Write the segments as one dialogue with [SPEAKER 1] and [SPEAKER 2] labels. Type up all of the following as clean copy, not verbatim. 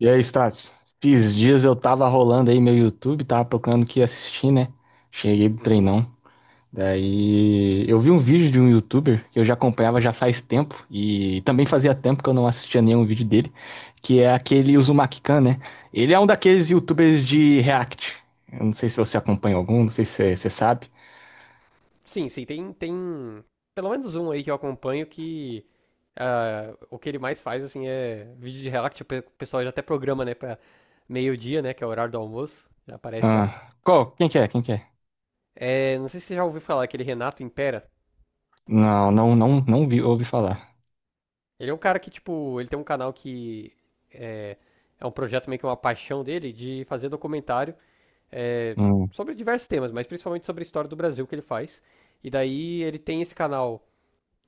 [SPEAKER 1] E aí, Stats? Esses dias eu tava rolando aí meu YouTube, tava procurando o que assistir, né? Cheguei do
[SPEAKER 2] Uhum.
[SPEAKER 1] treinão. Daí eu vi um vídeo de um YouTuber que eu já acompanhava já faz tempo, e também fazia tempo que eu não assistia nenhum vídeo dele, que é aquele Uzumaki Khan, né? Ele é um daqueles YouTubers de React. Eu não sei se você acompanha algum, não sei se você sabe.
[SPEAKER 2] Sim, sim, tem pelo menos um aí que eu acompanho que o que ele mais faz, assim, é vídeo de relax, tipo, o pessoal já até programa, né, pra meio-dia, né, que é o horário do almoço, já aparece lá.
[SPEAKER 1] Ah, qual? Quem que é? Quem que é?
[SPEAKER 2] É, não sei se você já ouviu falar, aquele Renato Impera.
[SPEAKER 1] Não, não, não, não vi, ouvi falar.
[SPEAKER 2] Ele é um cara que, tipo, ele tem um canal que é, é um projeto meio que uma paixão dele de fazer documentário é,
[SPEAKER 1] Hum.
[SPEAKER 2] sobre diversos temas, mas principalmente sobre a história do Brasil que ele faz. E daí ele tem esse canal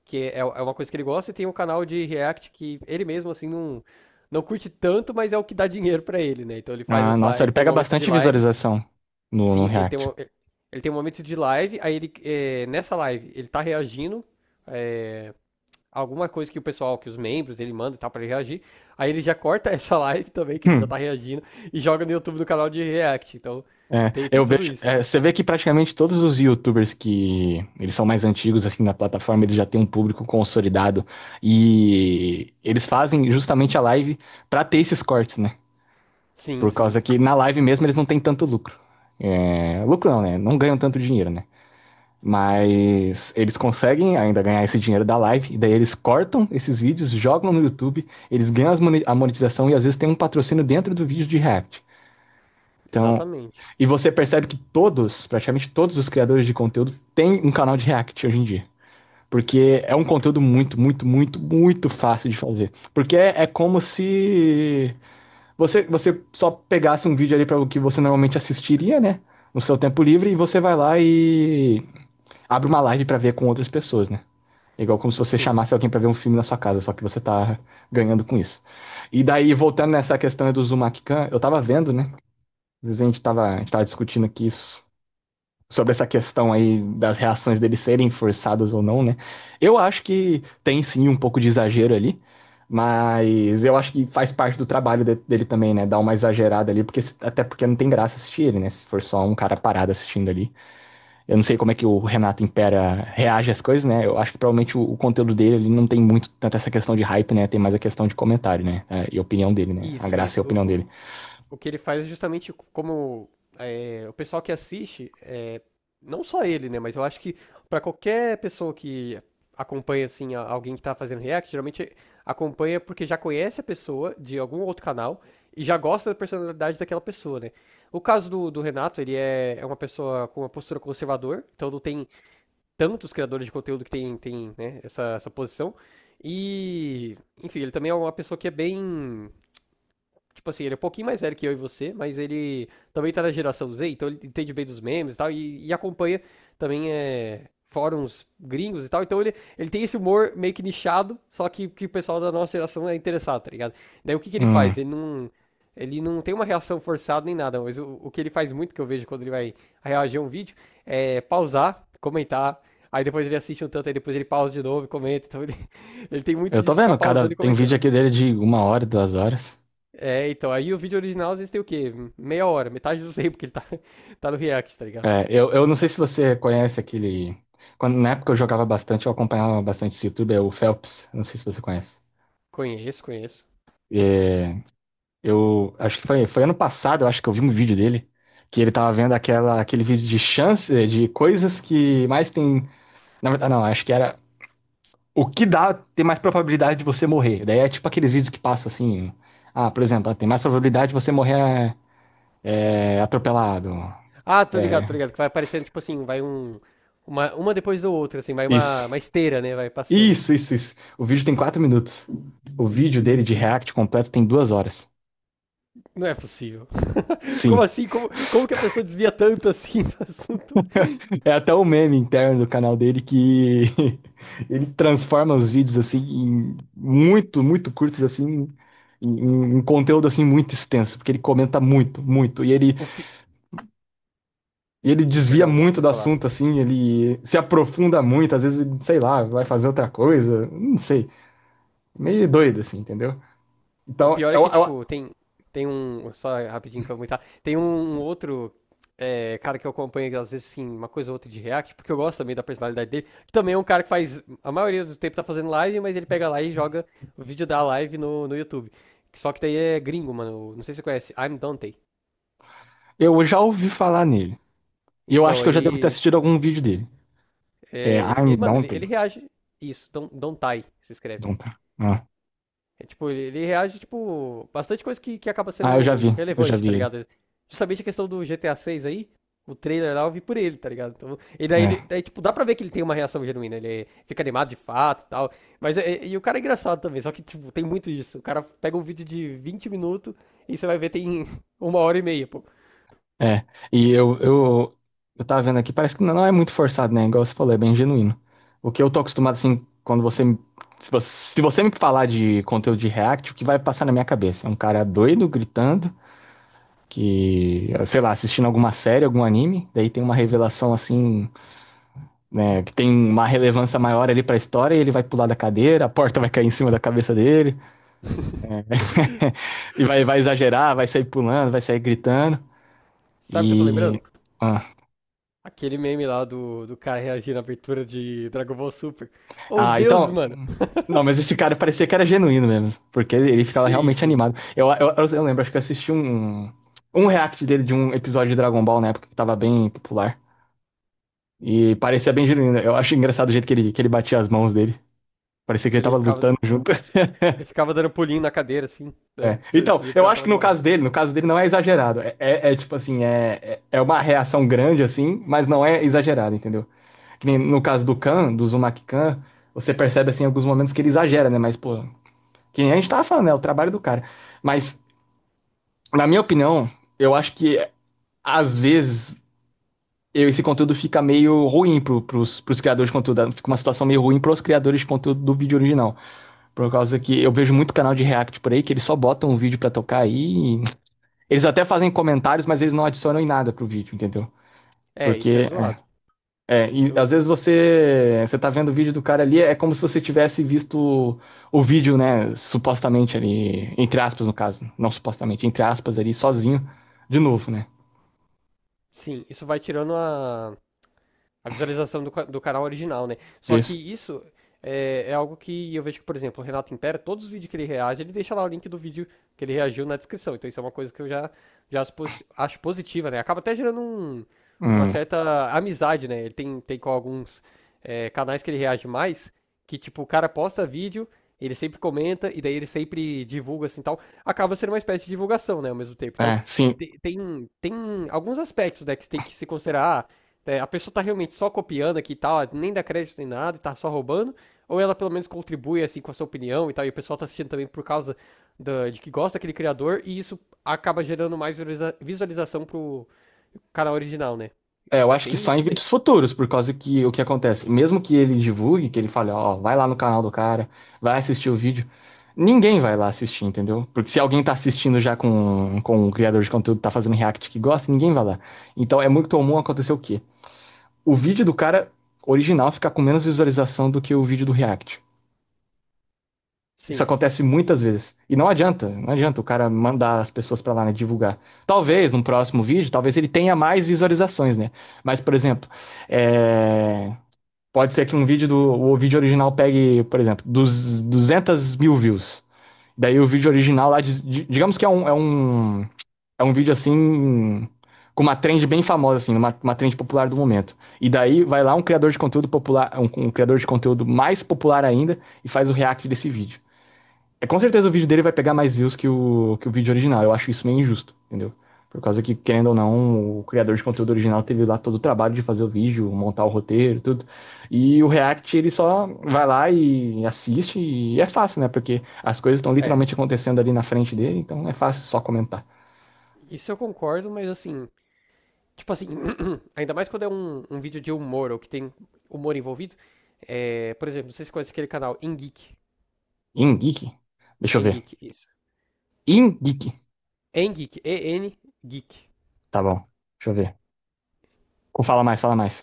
[SPEAKER 2] que é uma coisa que ele gosta, e tem um canal de React que ele mesmo, assim, não, não curte tanto, mas é o que dá dinheiro pra ele, né? Então ele
[SPEAKER 1] Ah, nossa,
[SPEAKER 2] ele
[SPEAKER 1] ele
[SPEAKER 2] tem
[SPEAKER 1] pega
[SPEAKER 2] momentos de
[SPEAKER 1] bastante
[SPEAKER 2] live,
[SPEAKER 1] visualização no
[SPEAKER 2] sim, sim,
[SPEAKER 1] React.
[SPEAKER 2] ele tem um momento de live, aí nessa live, ele tá reagindo é, alguma coisa que o pessoal, que os membros dele mandam e tal, pra ele reagir, aí ele já corta essa live também, que ele já tá reagindo, e joga no YouTube, no canal de React, então
[SPEAKER 1] É,
[SPEAKER 2] tem
[SPEAKER 1] eu
[SPEAKER 2] tudo
[SPEAKER 1] vejo,
[SPEAKER 2] isso.
[SPEAKER 1] é, você vê que praticamente todos os YouTubers que eles são mais antigos assim na plataforma, eles já têm um público consolidado e eles fazem justamente a live pra ter esses cortes, né?
[SPEAKER 2] Sim,
[SPEAKER 1] Por
[SPEAKER 2] sim,
[SPEAKER 1] causa que na live mesmo eles não têm tanto lucro. É, lucro não, né? Não ganham tanto dinheiro, né? Mas eles conseguem ainda ganhar esse dinheiro da live, e daí eles cortam esses vídeos, jogam no YouTube, eles ganham as a monetização e às vezes tem um patrocínio dentro do vídeo de React. Então,
[SPEAKER 2] exatamente,
[SPEAKER 1] e você percebe que todos, praticamente todos os criadores de conteúdo têm um canal de React hoje em dia. Porque é um conteúdo muito, muito, muito, muito fácil de fazer. Porque é, é como se você só pegasse um vídeo ali para o que você normalmente assistiria, né? No seu tempo livre, e você vai lá e abre uma live para ver com outras pessoas, né? É igual como se você
[SPEAKER 2] sim.
[SPEAKER 1] chamasse alguém para ver um filme na sua casa, só que você tá ganhando com isso. E daí, voltando nessa questão do Zumakkan, eu tava vendo, né? Às vezes a gente tava discutindo aqui isso sobre essa questão aí das reações deles serem forçadas ou não, né? Eu acho que tem sim um pouco de exagero ali, mas eu acho que faz parte do trabalho dele também, né? Dar uma exagerada ali, porque até porque não tem graça assistir ele, né? Se for só um cara parado assistindo ali. Eu não sei como é que o Renato Impera reage às coisas, né? Eu acho que provavelmente o conteúdo dele ali não tem muito tanto essa questão de hype, né? Tem mais a questão de comentário, né? É, e opinião dele, né? A
[SPEAKER 2] Isso,
[SPEAKER 1] graça é
[SPEAKER 2] isso.
[SPEAKER 1] a opinião dele.
[SPEAKER 2] O que ele faz é justamente como é, o pessoal que assiste, não só ele, né? Mas eu acho que pra qualquer pessoa que acompanha, assim, alguém que tá fazendo react, geralmente acompanha porque já conhece a pessoa de algum outro canal e já gosta da personalidade daquela pessoa, né? O caso do Renato, ele é uma pessoa com uma postura conservador, então não tem tantos criadores de conteúdo que tem né, essa posição. E, enfim, ele também é uma pessoa que é bem tipo assim, ele é um pouquinho mais velho que eu e você, mas ele também tá na geração Z, então ele entende bem dos memes e tal, e acompanha também fóruns gringos e tal. Então ele tem esse humor meio que nichado, só que o pessoal da nossa geração é interessado, tá ligado? Daí o que, que ele
[SPEAKER 1] Hum.
[SPEAKER 2] faz? Ele não. Ele não tem uma reação forçada nem nada, mas o que ele faz muito, que eu vejo quando ele vai reagir a um vídeo, é pausar, comentar, aí depois ele assiste um tanto, aí depois ele pausa de novo e comenta. Então ele, ele tem muito
[SPEAKER 1] Eu tô
[SPEAKER 2] disso ficar
[SPEAKER 1] vendo, cada
[SPEAKER 2] pausando e
[SPEAKER 1] tem vídeo
[SPEAKER 2] comentando.
[SPEAKER 1] aqui dele de 1 hora, 2 horas.
[SPEAKER 2] É, então, aí o vídeo original às vezes tem o quê? Meia hora, metade do tempo que ele tá, tá no React, tá ligado?
[SPEAKER 1] É, eu não sei se você conhece aquele. Quando, na época eu jogava bastante, eu acompanhava bastante esse YouTube, é o Phelps. Não sei se você conhece.
[SPEAKER 2] Conheço, conheço.
[SPEAKER 1] É, eu acho que foi, foi ano passado, eu acho que eu vi um vídeo dele, que ele tava vendo aquela, aquele vídeo de chance, de coisas que mais tem. Na verdade, não, acho que era o que dá tem mais probabilidade de você morrer. Daí é tipo aqueles vídeos que passam assim. Ah, por exemplo, ah, tem mais probabilidade de você morrer é, é, atropelado.
[SPEAKER 2] Ah,
[SPEAKER 1] É,
[SPEAKER 2] tô ligado, que vai aparecendo, tipo assim, vai um... Uma depois da outra, assim, vai
[SPEAKER 1] isso.
[SPEAKER 2] uma esteira, né? Vai passando,
[SPEAKER 1] Isso,
[SPEAKER 2] assim.
[SPEAKER 1] isso, isso. O vídeo tem 4 minutos. O vídeo dele de React completo tem 2 horas.
[SPEAKER 2] Não é possível. Como
[SPEAKER 1] Sim.
[SPEAKER 2] assim? Como que a pessoa desvia tanto, assim, do assunto?
[SPEAKER 1] É até o meme interno do canal dele que ele transforma os vídeos assim em muito, muito curtos assim em, em um conteúdo assim muito extenso, porque ele comenta muito, muito
[SPEAKER 2] O pi...
[SPEAKER 1] e ele desvia
[SPEAKER 2] Perdão,
[SPEAKER 1] muito
[SPEAKER 2] pode
[SPEAKER 1] do
[SPEAKER 2] falar.
[SPEAKER 1] assunto assim, ele se aprofunda muito, às vezes, ele, sei lá, vai fazer outra coisa, não sei. Meio doido assim, entendeu?
[SPEAKER 2] O
[SPEAKER 1] Então,
[SPEAKER 2] pior é que, tipo, tem um. Só rapidinho que eu vou comentar. Tem um outro cara que eu acompanho, que às vezes, assim, uma coisa ou outra de React, porque eu gosto também da personalidade dele. Que também é um cara que faz. A maioria do tempo tá fazendo live, mas ele pega lá e joga o vídeo da live no YouTube. Só que daí é gringo, mano. Não sei se você conhece. I'm Dante.
[SPEAKER 1] eu já ouvi falar nele. E eu acho
[SPEAKER 2] Então,
[SPEAKER 1] que eu já devo ter
[SPEAKER 2] ele.
[SPEAKER 1] assistido algum vídeo dele. É, I'm
[SPEAKER 2] Mano, ele,
[SPEAKER 1] Dante.
[SPEAKER 2] ele reage. Isso, Dontai, se escreve.
[SPEAKER 1] Dante. Ah.
[SPEAKER 2] É, tipo, ele reage, tipo, bastante coisa que acaba
[SPEAKER 1] Ah,
[SPEAKER 2] sendo
[SPEAKER 1] eu já
[SPEAKER 2] relevante, tá
[SPEAKER 1] vi ele.
[SPEAKER 2] ligado? Justamente a questão do GTA 6 seis aí, o trailer lá eu vi por ele, tá ligado? Então, e daí,
[SPEAKER 1] É,
[SPEAKER 2] daí, tipo, dá pra ver que ele tem uma reação genuína, ele fica animado de fato e tal. Mas, e, o cara é engraçado também, só que, tipo, tem muito isso. O cara pega um vídeo de 20 minutos e você vai ver tem uma hora e meia, pô.
[SPEAKER 1] é. E eu tava vendo aqui, parece que não é muito forçado, né? Igual você falou, é bem genuíno. O que eu tô acostumado, assim, quando você. Se você, se você me falar de conteúdo de React, o que vai passar na minha cabeça? É um cara doido, gritando, que, sei lá, assistindo alguma série, algum anime, daí tem uma revelação, assim, né, que tem uma relevância maior ali pra história, e ele vai pular da cadeira, a porta vai cair em cima da cabeça dele. E vai, vai exagerar, vai sair pulando, vai sair gritando.
[SPEAKER 2] Sabe o que eu tô
[SPEAKER 1] E.
[SPEAKER 2] lembrando?
[SPEAKER 1] Ah.
[SPEAKER 2] Aquele meme lá do cara reagindo à abertura de Dragon Ball Super. Os
[SPEAKER 1] Ah,
[SPEAKER 2] deuses,
[SPEAKER 1] então.
[SPEAKER 2] mano.
[SPEAKER 1] Não, mas esse cara parecia que era genuíno mesmo. Porque ele ficava
[SPEAKER 2] Sim,
[SPEAKER 1] realmente
[SPEAKER 2] sim.
[SPEAKER 1] animado. Eu lembro, acho que eu assisti um, um react dele de um episódio de Dragon Ball na época que tava bem popular. E parecia bem genuíno. Eu acho engraçado o jeito que ele batia as mãos dele. Parecia que ele
[SPEAKER 2] Ele
[SPEAKER 1] tava
[SPEAKER 2] ficava,
[SPEAKER 1] lutando junto.
[SPEAKER 2] ele ficava dando pulinho na cadeira, assim, né?
[SPEAKER 1] É.
[SPEAKER 2] Esse,
[SPEAKER 1] Então,
[SPEAKER 2] esse dia o
[SPEAKER 1] eu
[SPEAKER 2] cara
[SPEAKER 1] acho
[SPEAKER 2] tava
[SPEAKER 1] que no
[SPEAKER 2] animado.
[SPEAKER 1] caso dele, no caso dele não é exagerado. É, é tipo assim, é, é é uma reação grande, assim, mas não é exagerado, entendeu? Que nem no caso do Khan, do Uzumaki Khan, você percebe assim em alguns momentos que ele exagera, né? Mas, pô, quem a gente tava falando, é o trabalho do cara. Mas, na minha opinião, eu acho que às vezes esse conteúdo fica meio ruim pros criadores de conteúdo. Fica uma situação meio ruim pros criadores de conteúdo do vídeo original. Por causa que eu vejo muito canal de React por aí que eles só botam um vídeo pra tocar aí. Eles até fazem comentários, mas eles não adicionam em nada pro vídeo, entendeu?
[SPEAKER 2] É, isso é
[SPEAKER 1] Porque. É.
[SPEAKER 2] zoado.
[SPEAKER 1] É, e
[SPEAKER 2] Eu,
[SPEAKER 1] às vezes você tá vendo o vídeo do cara ali, é como se você tivesse visto o vídeo, né, supostamente ali, entre aspas no caso, não supostamente, entre aspas ali, sozinho, de novo, né?
[SPEAKER 2] sim, isso vai tirando a visualização do canal original, né? Só que
[SPEAKER 1] Isso.
[SPEAKER 2] isso é algo que eu vejo que, por exemplo, o Renato Impera, todos os vídeos que ele reage, ele deixa lá o link do vídeo que ele reagiu na descrição. Então isso é uma coisa que eu já acho positiva, né? Acaba até gerando uma
[SPEAKER 1] Hum,
[SPEAKER 2] certa amizade, né? Ele tem com alguns canais que ele reage mais, que tipo, o cara posta vídeo, ele sempre comenta, e daí ele sempre divulga assim tal. Acaba sendo uma espécie de divulgação, né? Ao mesmo tempo. Então
[SPEAKER 1] é, sim.
[SPEAKER 2] tem alguns aspectos, né, que você tem que se considerar. Ah, é, a pessoa tá realmente só copiando aqui e tal, nem dá crédito nem nada, e tá só roubando, ou ela pelo menos contribui assim com a sua opinião e tal, e o pessoal tá assistindo também por causa de que gosta daquele criador, e isso acaba gerando mais visualização pro canal original, né?
[SPEAKER 1] É, eu acho que
[SPEAKER 2] Tem
[SPEAKER 1] só
[SPEAKER 2] isso
[SPEAKER 1] em
[SPEAKER 2] também.
[SPEAKER 1] vídeos futuros, por causa que o que acontece, mesmo que ele divulgue, que ele fale, ó, vai lá no canal do cara, vai assistir o vídeo, ninguém vai lá assistir, entendeu? Porque se alguém tá assistindo já com o criador de conteúdo, tá fazendo react que gosta, ninguém vai lá. Então é muito comum acontecer o quê? O vídeo do cara original fica com menos visualização do que o vídeo do React. Isso
[SPEAKER 2] Sim,
[SPEAKER 1] acontece muitas vezes. E não adianta, não adianta o cara mandar as pessoas para lá, né, divulgar. Talvez num próximo vídeo, talvez ele tenha mais visualizações, né? Mas, por exemplo, é... Pode ser que um vídeo do o vídeo original pegue, por exemplo, dos 200 mil views. Daí o vídeo original lá, digamos que é um, é um é um vídeo assim, com uma trend bem famosa, assim, uma trend popular do momento. E daí vai lá um criador de conteúdo popular, um criador de conteúdo mais popular ainda e faz o react desse vídeo. É, com certeza o vídeo dele vai pegar mais views que o vídeo original. Eu acho isso meio injusto, entendeu? Por causa que, querendo ou não, o criador de conteúdo original teve lá todo o trabalho de fazer o vídeo, montar o roteiro, tudo. E o React, ele só vai lá e assiste e é fácil, né? Porque as coisas estão
[SPEAKER 2] é.
[SPEAKER 1] literalmente acontecendo ali na frente dele, então é fácil só comentar.
[SPEAKER 2] Isso eu concordo, mas assim, tipo assim, ainda mais quando é um vídeo de humor ou que tem humor envolvido, é, por exemplo, não sei se você conhece aquele canal, Engeek.
[SPEAKER 1] Ingeek? Deixa eu ver.
[SPEAKER 2] Engeek, isso.
[SPEAKER 1] Ingeek.
[SPEAKER 2] Engeek, EN Geek.
[SPEAKER 1] Tá bom. Deixa eu ver. Ou fala mais, fala mais.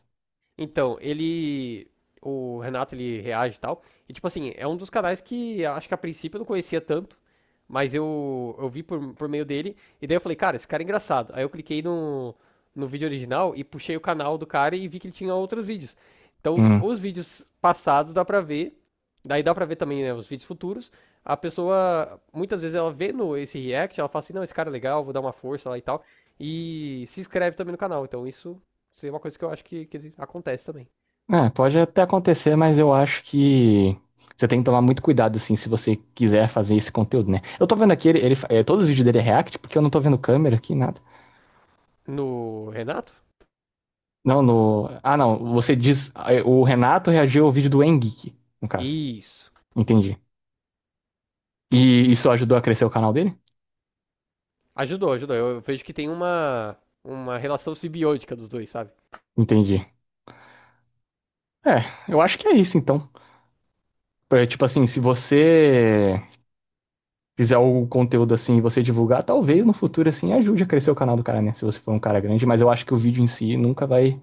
[SPEAKER 2] Então, ele. O Renato ele reage e tal. E tipo assim, é um dos canais que acho que a princípio eu não conhecia tanto. Mas eu vi por meio dele. E daí eu falei, cara, esse cara é engraçado. Aí eu cliquei no vídeo original e puxei o canal do cara e vi que ele tinha outros vídeos. Então,
[SPEAKER 1] Hum.
[SPEAKER 2] os vídeos passados dá pra ver. Daí dá pra ver também, né, os vídeos futuros. A pessoa, muitas vezes, ela vê no, esse react, ela fala assim, não, esse cara é legal, vou dar uma força lá e tal. E se inscreve também no canal. Então, isso é uma coisa que eu acho que acontece também.
[SPEAKER 1] É, pode até acontecer, mas eu acho que você tem que tomar muito cuidado, assim, se você quiser fazer esse conteúdo, né? Eu tô vendo aqui, ele é, todos os vídeos dele é React, porque eu não tô vendo câmera aqui, nada.
[SPEAKER 2] No Renato?
[SPEAKER 1] Não, no. Ah, não. Você diz. É, o Renato reagiu ao vídeo do Engeek, no caso.
[SPEAKER 2] Isso.
[SPEAKER 1] Entendi. E isso ajudou a crescer o canal dele?
[SPEAKER 2] Ajudou, ajudou. Eu vejo que tem uma relação simbiótica dos dois, sabe?
[SPEAKER 1] Entendi. É, eu acho que é isso, então. É, tipo assim, se você fizer o conteúdo assim e você divulgar, talvez no futuro assim ajude a crescer o canal do cara, né? Se você for um cara grande, mas eu acho que o vídeo em si nunca vai,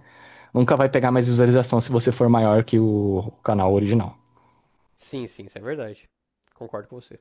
[SPEAKER 1] nunca vai pegar mais visualização se você for maior que o canal original.
[SPEAKER 2] Sim, sim, isso é verdade. Concordo com você.